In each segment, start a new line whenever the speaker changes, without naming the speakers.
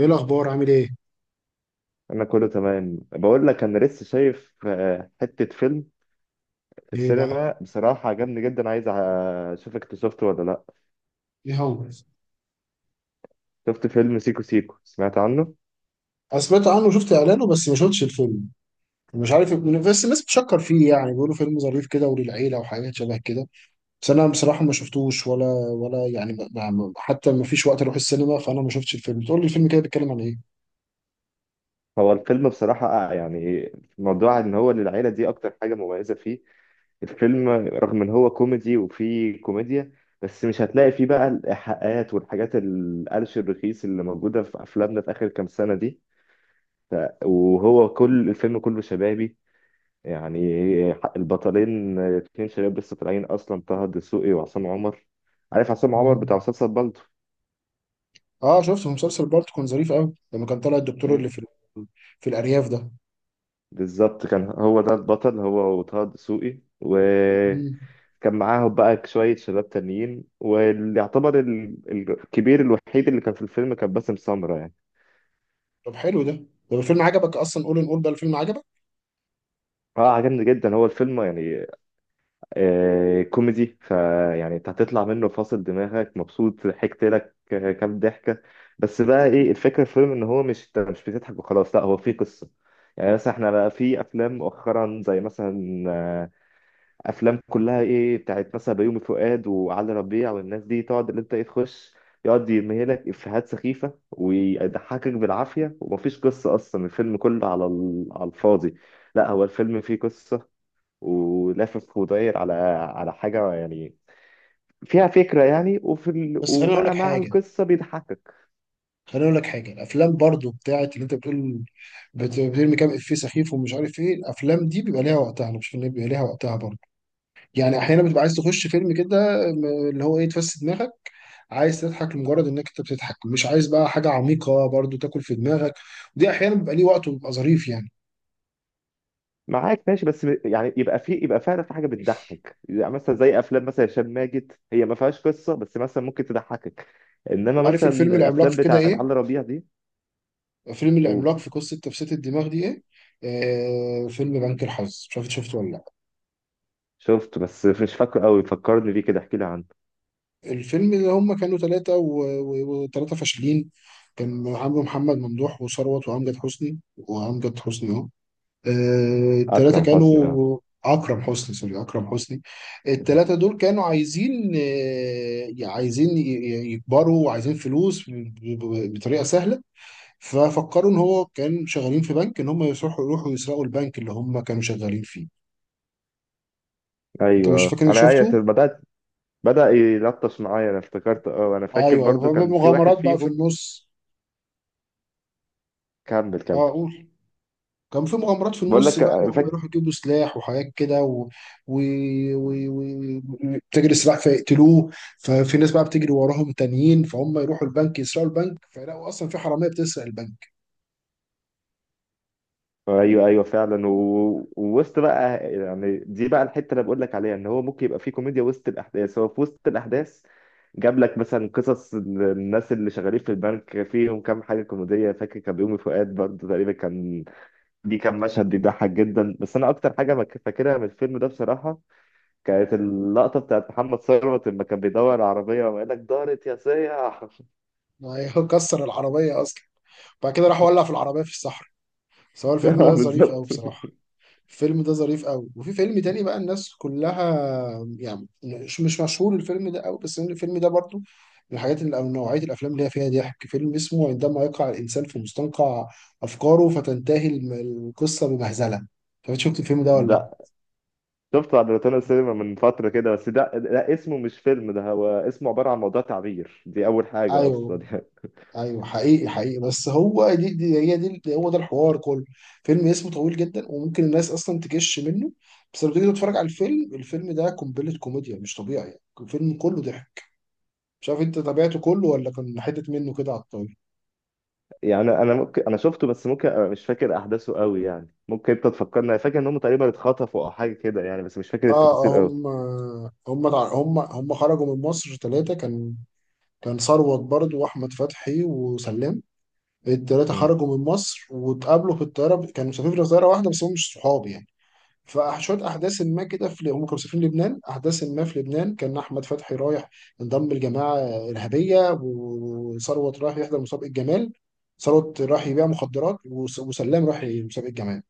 ايه الاخبار؟ عامل ايه؟
انا كله تمام بقول لك انا لسه شايف حتة فيلم في
ايه بقى؟
السينما بصراحة عجبني جدا. عايز اشوفك انت شفته ولا لا؟
ايه هو؟
شفت فيلم سيكو سيكو؟ سمعت عنه؟
انا سمعت عنه وشفت اعلانه، بس ما شفتش الفيلم. مش عارف، بس الناس بتشكر فيه، يعني بيقولوا فيلم ظريف كده وللعيله وحاجات شبه كده. بس انا بصراحه ما شفتوش، ولا ولا يعني حتى ما فيش وقت اروح السينما، فانا ما شفتش الفيلم. تقول لي الفيلم كده بيتكلم عن ايه؟
هو الفيلم بصراحة يعني موضوع ان هو للعيلة دي اكتر حاجة مميزة فيه. الفيلم رغم ان هو كوميدي وفيه كوميديا، بس مش هتلاقي فيه بقى الايحاءات والحاجات القلش الرخيص اللي موجودة في افلامنا في اخر كام سنة دي. وهو كل الفيلم كله شبابي يعني. البطلين اتنين شباب لسه طالعين اصلا، طه الدسوقي وعصام عمر. عارف عصام عمر
مم.
بتاع مسلسل بالطو؟
اه، شفته في مسلسل بالطو، كان ظريف قوي لما كان طالع الدكتور
مم.
اللي في ال- في الارياف ده.
بالظبط، كان هو ده البطل، هو وطه الدسوقي،
مم.
وكان معاهم بقى شوية شباب تانيين، واللي يعتبر الكبير الوحيد اللي كان في الفيلم كان باسم سمرة يعني.
طب حلو ده. طب الفيلم عجبك اصلا؟ قول، نقول بقى الفيلم عجبك.
اه عجبني جدا هو الفيلم يعني. كوميدي، فيعني انت هتطلع منه فاصل دماغك مبسوط، ضحكت لك كام ضحكه. بس بقى ايه الفكره في الفيلم، ان هو مش انت مش بتضحك وخلاص، لا هو في قصه. يعني مثلا احنا بقى في افلام مؤخرا زي مثلا افلام كلها ايه بتاعت مثلا بيومي فؤاد وعلي ربيع والناس دي، تقعد اللي انت ايه تخش، يقعد يمهلك افيهات سخيفه ويضحكك بالعافيه ومفيش قصه اصلا، الفيلم كله على على الفاضي. لا هو الفيلم فيه قصه ولافف وداير على على حاجة يعني فيها فكرة يعني، وفي
بس خليني اقول لك
وبقى مع
حاجه،
القصة بيضحكك.
خليني اقول لك حاجه. الافلام برضو بتاعت اللي انت بتقول بترمي كام افيه سخيف ومش عارف ايه، الافلام دي بيبقى ليها وقتها. انا بشوف ان هي بيبقى ليها وقتها برضو. يعني احيانا بتبقى عايز تخش فيلم كده، اللي هو ايه، تفسد دماغك، عايز تضحك لمجرد انك انت بتضحك، مش عايز بقى حاجه عميقه برضو تاكل في دماغك. ودي احيانا بيبقى ليه وقت وبيبقى ظريف يعني.
معاك ماشي، بس يعني يبقى فعلا في حاجة بتضحك، يعني مثلا زي أفلام مثلا هشام ماجد، هي ما فيهاش قصة بس مثلا ممكن تضحكك. إنما
عارف
مثلا
الفيلم العملاق
الأفلام
في كده
بتاعت
ايه؟
علي ربيع دي،
فيلم
قول.
العملاق في قصه تفسير الدماغ دي ايه. آه، فيلم بنك الحظ، مش عارف إنت شفته ولا لأ.
شفت بس مش فاكره قوي، فكرني بيه كده احكي لي عنه.
الفيلم اللي هم كانوا ثلاثة، وثلاثة فاشلين. كان عمرو محمد ممدوح، وثروت، وأمجد حسني، وأمجد حسني أهو. آه، الثلاثة
أكرم حسني، اه.
كانوا أكرم حسني، سوري، أكرم حسني. الثلاثة دول كانوا عايزين، آه، عايزين يكبروا وعايزين فلوس بطريقة سهلة. ففكروا إن هو كان شغالين في بنك، إن هم يروحوا يسرقوا البنك اللي هم كانوا شغالين فيه. أنت
ايوه
مش فاكر
آه.
إنك
انا ايوه
شفته؟
بدات بدا يلطش معايا، انا افتكرت، اه انا فاكر
أيوه
برضو
أيوه،
كان في واحد
مغامرات بقى في
فيهم.
النص.
كمل كمل.
أه قول. كان في مغامرات في
بقول
النص،
لك.
بقى ان هم
فاكر.
يروحوا يجيبوا سلاح وحاجات كده، و... و... و... و... تجري السلاح فيقتلوه. ففي ناس بقى بتجري وراهم تانيين، فهم يروحوا البنك يسرقوا البنك، فيلاقوا اصلا في حراميه بتسرق البنك.
ايوه ايوه فعلا. ووسط بقى يعني، دي بقى الحته اللي بقول لك عليها، ان هو ممكن يبقى في كوميديا وسط الاحداث. هو في وسط الاحداث جاب لك مثلا قصص الناس اللي شغالين في البنك، فيهم كام حاجه كوميديه، فاكر كان بيومي فؤاد برضه تقريبا كان. دي كان مشهد بيضحك جدا. بس انا اكتر حاجه فاكرها من الفيلم ده بصراحه كانت اللقطه بتاعت محمد ثروت لما كان بيدور على عربيه وقال لك دارت يا سيح.
ما هي كسر العربيه اصلا، بعد كده راح ولع في العربيه في الصحراء. سواء الفيلم ده ظريف قوي
بالظبط.
بصراحه. الفيلم ده ظريف قوي. وفي فيلم تاني بقى، الناس كلها يعني مش مشهور الفيلم ده قوي، بس الفيلم ده برضو من الحاجات اللي او نوعيه الافلام اللي هي فيها ضحك. فيلم اسمه عندما يقع الانسان في مستنقع افكاره فتنتهي القصه بمهزله. فانت شفت الفيلم ده ولا لا؟
ده شفته على روتانا سينما من فترة كده، بس ده اسمه مش فيلم، ده هو اسمه عبارة عن موضوع تعبير، دي أول حاجة
ايوه
أصلا يعني.
ايوه، حقيقي حقيقي. بس هو دي هي، دي هو ده الحوار كله. فيلم اسمه طويل جدا وممكن الناس اصلا تكش منه. بس لما تيجي تتفرج على الفيلم، الفيلم ده قنبله كوميديا مش طبيعي، الفيلم كله ضحك. مش عارف انت تابعته كله ولا كان حتة منه كده على الطاولة.
يعني أنا ممكن أنا شفته بس ممكن أبقى مش فاكر أحداثه قوي يعني، ممكن أنت تفكرني، أنا فاكر إن هم تقريبا اتخطفوا أو حاجة كده يعني، بس مش فاكر التفاصيل
اه،
قوي.
هم هم هم خرجوا من مصر ثلاثة. كان كان ثروت برضو، واحمد فتحي، وسلام. الثلاثة
امم.
خرجوا من مصر واتقابلوا في الطيارة، كانوا مسافرين في طيارة واحدة بس هم مش صحاب يعني. فشوية أحداث ما كده، في هم كانوا مسافرين لبنان. أحداث ما في لبنان، كان أحمد فتحي رايح انضم لجماعة إرهابية، وثروت رايح يحضر مسابقة جمال. ثروت راح يبيع مخدرات، وسلام راح مسابقة جمال.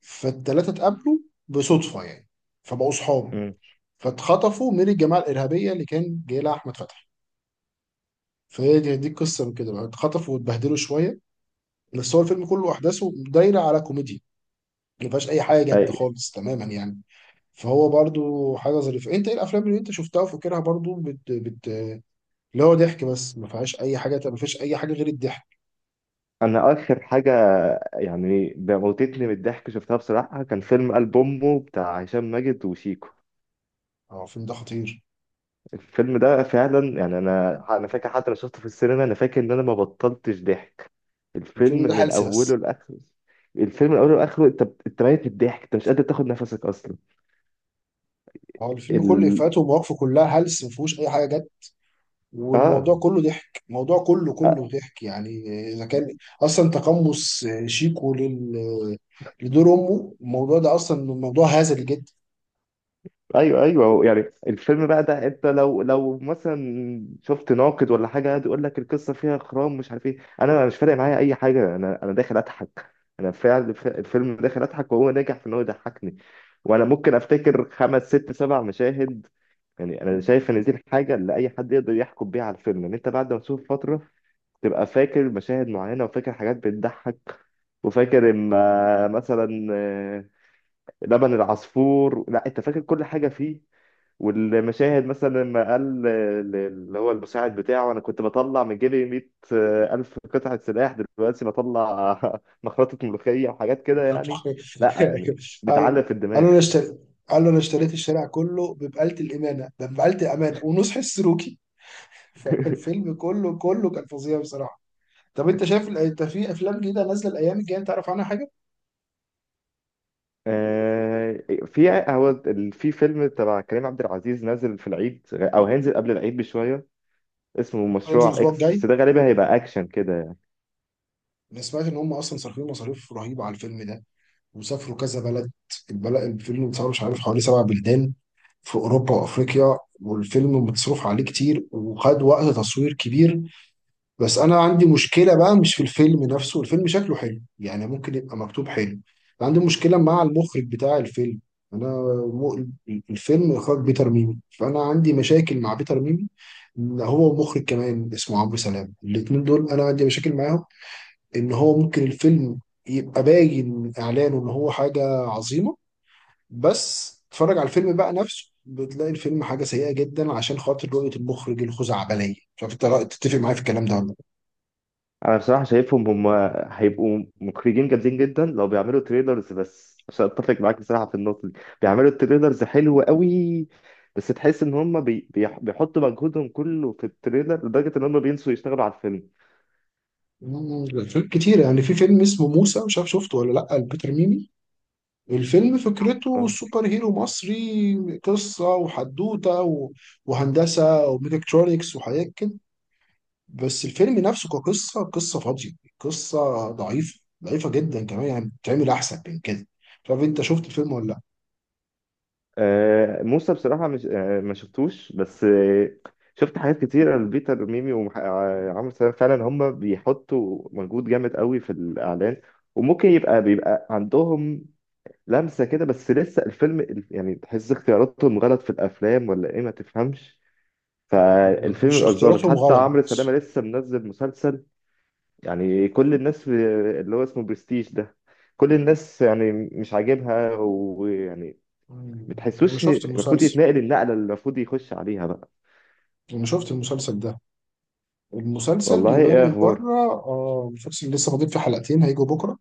فالتلاتة اتقابلوا بصدفة يعني، فبقوا صحاب.
امم.
فاتخطفوا من الجماعة الإرهابية اللي كان جاي لها أحمد فتحي. فهي دي القصة، من كده بقى اتخطفوا واتبهدلوا شوية. بس هو الفيلم كله أحداثه دايرة على كوميديا، ما فيهاش أي حاجة جد
أيوة.
خالص تماما يعني. فهو برضو حاجة ظريفة. أنت إيه الأفلام اللي أنت شفتها وفاكرها برضو بت... بت... اللي هو ضحك بس ما فيهاش أي حاجة، ما فيش أي حاجة غير الضحك.
أنا آخر حاجة يعني موتتني من الضحك شفتها بصراحة كان فيلم قلب أمه بتاع هشام ماجد وشيكو.
أه، الفيلم ده خطير.
الفيلم ده فعلا يعني انا فاكر، حتى لو شفته في السينما، انا فاكر ان انا ما بطلتش ضحك. الفيلم
الفيلم ده
من
هلس
اوله
بس.
لاخره. الفيلم من اوله لاخره انت انت ميت من الضحك، انت مش قادر تاخد نفسك اصلا.
هو الفيلم كله
ال...
إفيهاته ومواقفه كلها هلس، ما فيهوش أي حاجة جد. والموضوع
اه.
كله ضحك، الموضوع كله
آه،
كله ضحك يعني. اذا كان اصلا تقمص شيكو لل لدور امه، الموضوع ده اصلا موضوع هزلي جدا.
ايوه ايوه يعني، الفيلم بقى ده انت لو مثلا شفت ناقد ولا حاجه قاعد يقول لك القصه فيها خرام مش عارف ايه، انا مش فارق معايا اي حاجه، انا داخل اضحك. انا فعلا الفيلم داخل اضحك، وهو ناجح في ان هو يضحكني. وانا ممكن افتكر خمس ست سبع مشاهد. يعني انا شايف ان دي الحاجه اللي اي حد يقدر يحكم بيها على الفيلم، ان انت بعد ما تشوف فتره تبقى فاكر مشاهد معينه وفاكر حاجات بتضحك. وفاكر اما مثلا لبن العصفور، لا انت فاكر كل حاجه فيه. والمشاهد مثلا لما قال اللي هو المساعد بتاعه: انا كنت بطلع من جيبي 100 الف قطعه سلاح، دلوقتي بطلع مخرطه ملوخيه وحاجات كده يعني. لا يعني
قال،
بتعلق في
قال له
الدماغ.
انا اشتريت، قال له انا اشتريت الشارع كله ببقالة الامانه، ده ببقالة الامانه ونصح السلوكي. فالفيلم كله كان فظيع بصراحه. طب انت شايف انت في افلام جديده نازله الايام الجايه، انت تعرف عنها حاجه؟
آه، في هو في فيلم تبع كريم عبد العزيز نازل في العيد او هينزل قبل العيد بشويه، اسمه
هينزل
مشروع
الاسبوع
اكس،
الجاي.
بس ده غالبا هيبقى اكشن كده يعني.
انا سمعت ان هم اصلا صارفين مصاريف رهيبه على الفيلم ده، وسافروا كذا بلد. البلد الفيلم اتصور، مش عارف، حوالي سبع بلدان في أوروبا وأفريقيا. والفيلم متصرف عليه كتير وخد وقت تصوير كبير. بس أنا عندي مشكلة بقى مش في الفيلم نفسه، الفيلم شكله حلو يعني، ممكن يبقى مكتوب حلو. عندي مشكلة مع المخرج بتاع الفيلم. أنا م... الفيلم إخراج بيتر ميمي، فأنا عندي مشاكل مع بيتر ميمي. هو ومخرج كمان اسمه عمرو سلام، الاتنين دول أنا عندي مشاكل معاهم. ان هو ممكن الفيلم يبقى باين من اعلانه ان هو حاجه عظيمه، بس تتفرج على الفيلم بقى نفسه بتلاقي الفيلم حاجه سيئه جدا عشان خاطر رؤيه المخرج الخزعبليه. مش عارف انت تتفق معايا في الكلام ده ولا لا.
انا بصراحه شايفهم هم هيبقوا مخرجين جامدين جدا لو بيعملوا تريلرز بس، عشان اتفق معاك بصراحه في النقطه دي، بيعملوا تريلرز حلو قوي، بس تحس ان هم بيحطوا مجهودهم كله في التريلر لدرجه ان هم بينسوا يشتغلوا على الفيلم.
أفلام كتير يعني. في فيلم اسمه موسى، مش عارف شفته ولا لا، البيتر ميمي. الفيلم فكرته سوبر هيرو مصري، قصه وحدوته وهندسه وميكاترونكس وحاجات كده. بس الفيلم نفسه كقصة، قصة فاضية، قصة ضعيفة ضعيفة جدا كمان يعني، بتعمل أحسن من كده. مش عارف أنت شفت الفيلم ولا
موسى بصراحة مش ما شفتوش، بس شفت حاجات كتيرة لبيتر ميمي وعمرو سلام، فعلا هم بيحطوا مجهود جامد قوي في الإعلان، وممكن يبقى بيبقى عندهم لمسة كده، بس لسه الفيلم يعني تحس اختياراتهم غلط في الأفلام ولا إيه، ما تفهمش
لأ.
فالفيلم
مش
يبقى ظابط.
اختياراتهم
حتى
غلط.
عمرو سلامة لسه منزل مسلسل، يعني كل الناس اللي هو اسمه برستيج ده، كل الناس يعني مش عاجبها ويعني
مم. أنا
بتحسوش
شفت
المفروض
المسلسل،
يتنقل النقله اللي المفروض يخش عليها بقى.
أنا شفت المسلسل ده. المسلسل
والله
يبان
ايه
من
اخبار.
بره. آه، المسلسل لسه فاضل فيه حلقتين هيجوا بكرة.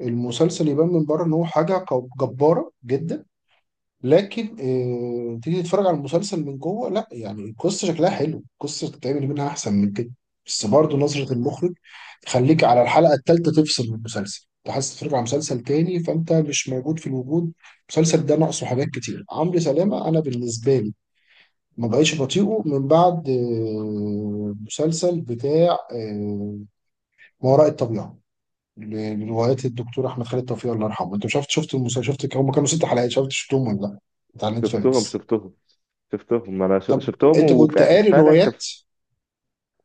المسلسل يبان من بره إن هو حاجة جبارة جدا. لكن آه، تيجي تتفرج على المسلسل من جوه، لا، يعني القصه شكلها حلو، القصه تتعمل منها احسن من كده. بس برضه نظره المخرج تخليك على الحلقه الثالثه تفصل من المسلسل، انت حاسس تتفرج على مسلسل تاني، فانت مش موجود في الوجود. المسلسل ده ناقصه حاجات كتير. عمرو سلامه انا بالنسبه لي ما بقيتش بطيئه من بعد مسلسل بتاع ما وراء الطبيعه، لروايات الدكتور احمد خالد توفيق الله يرحمه. انت مش عارف شفت المسلسل، شفت هم كانوا ست حلقات، شفت شفتهم، ولا لا؟ بتاع
شفتهم
نتفليكس.
شفتهم شفتهم، انا
طب
شفتهم
انت كنت قاري
وفعلا
روايات؟
كف.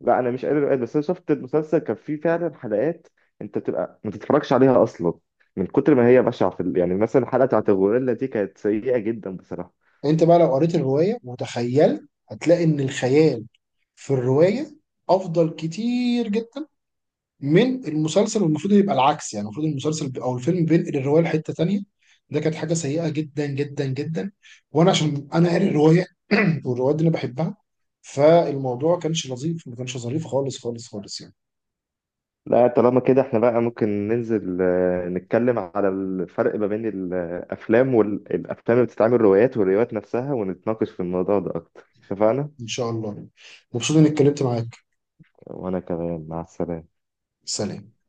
لا انا مش قادر أقول، بس انا شفت المسلسل كان فيه فعلا حلقات انت بتبقى ما تتفرجش عليها اصلا من كتر ما هي بشعه في يعني مثلا الحلقه بتاعت الغوريلا دي كانت سيئه جدا بصراحه.
انت بقى لو قريت الروايه وتخيلت، هتلاقي ان الخيال في الروايه افضل كتير جدا من المسلسل، والمفروض يبقى العكس يعني. المفروض المسلسل او الفيلم بينقل الروايه لحته تانيه. ده كانت حاجه سيئه جدا جدا جدا. وانا عشان انا قاري الروايه والروايات دي انا بحبها، فالموضوع كانش لطيف، ما كانش ظريف خالص خالص خالص يعني.
لا طالما كده احنا بقى ممكن ننزل نتكلم على الفرق ما بين الافلام والافلام اللي بتتعمل روايات والروايات نفسها، ونتناقش في الموضوع ده اكتر، اتفقنا؟
ان شاء الله. مبسوط اني اتكلمت معاك.
وأنا كمان مع السلامة.
سلام.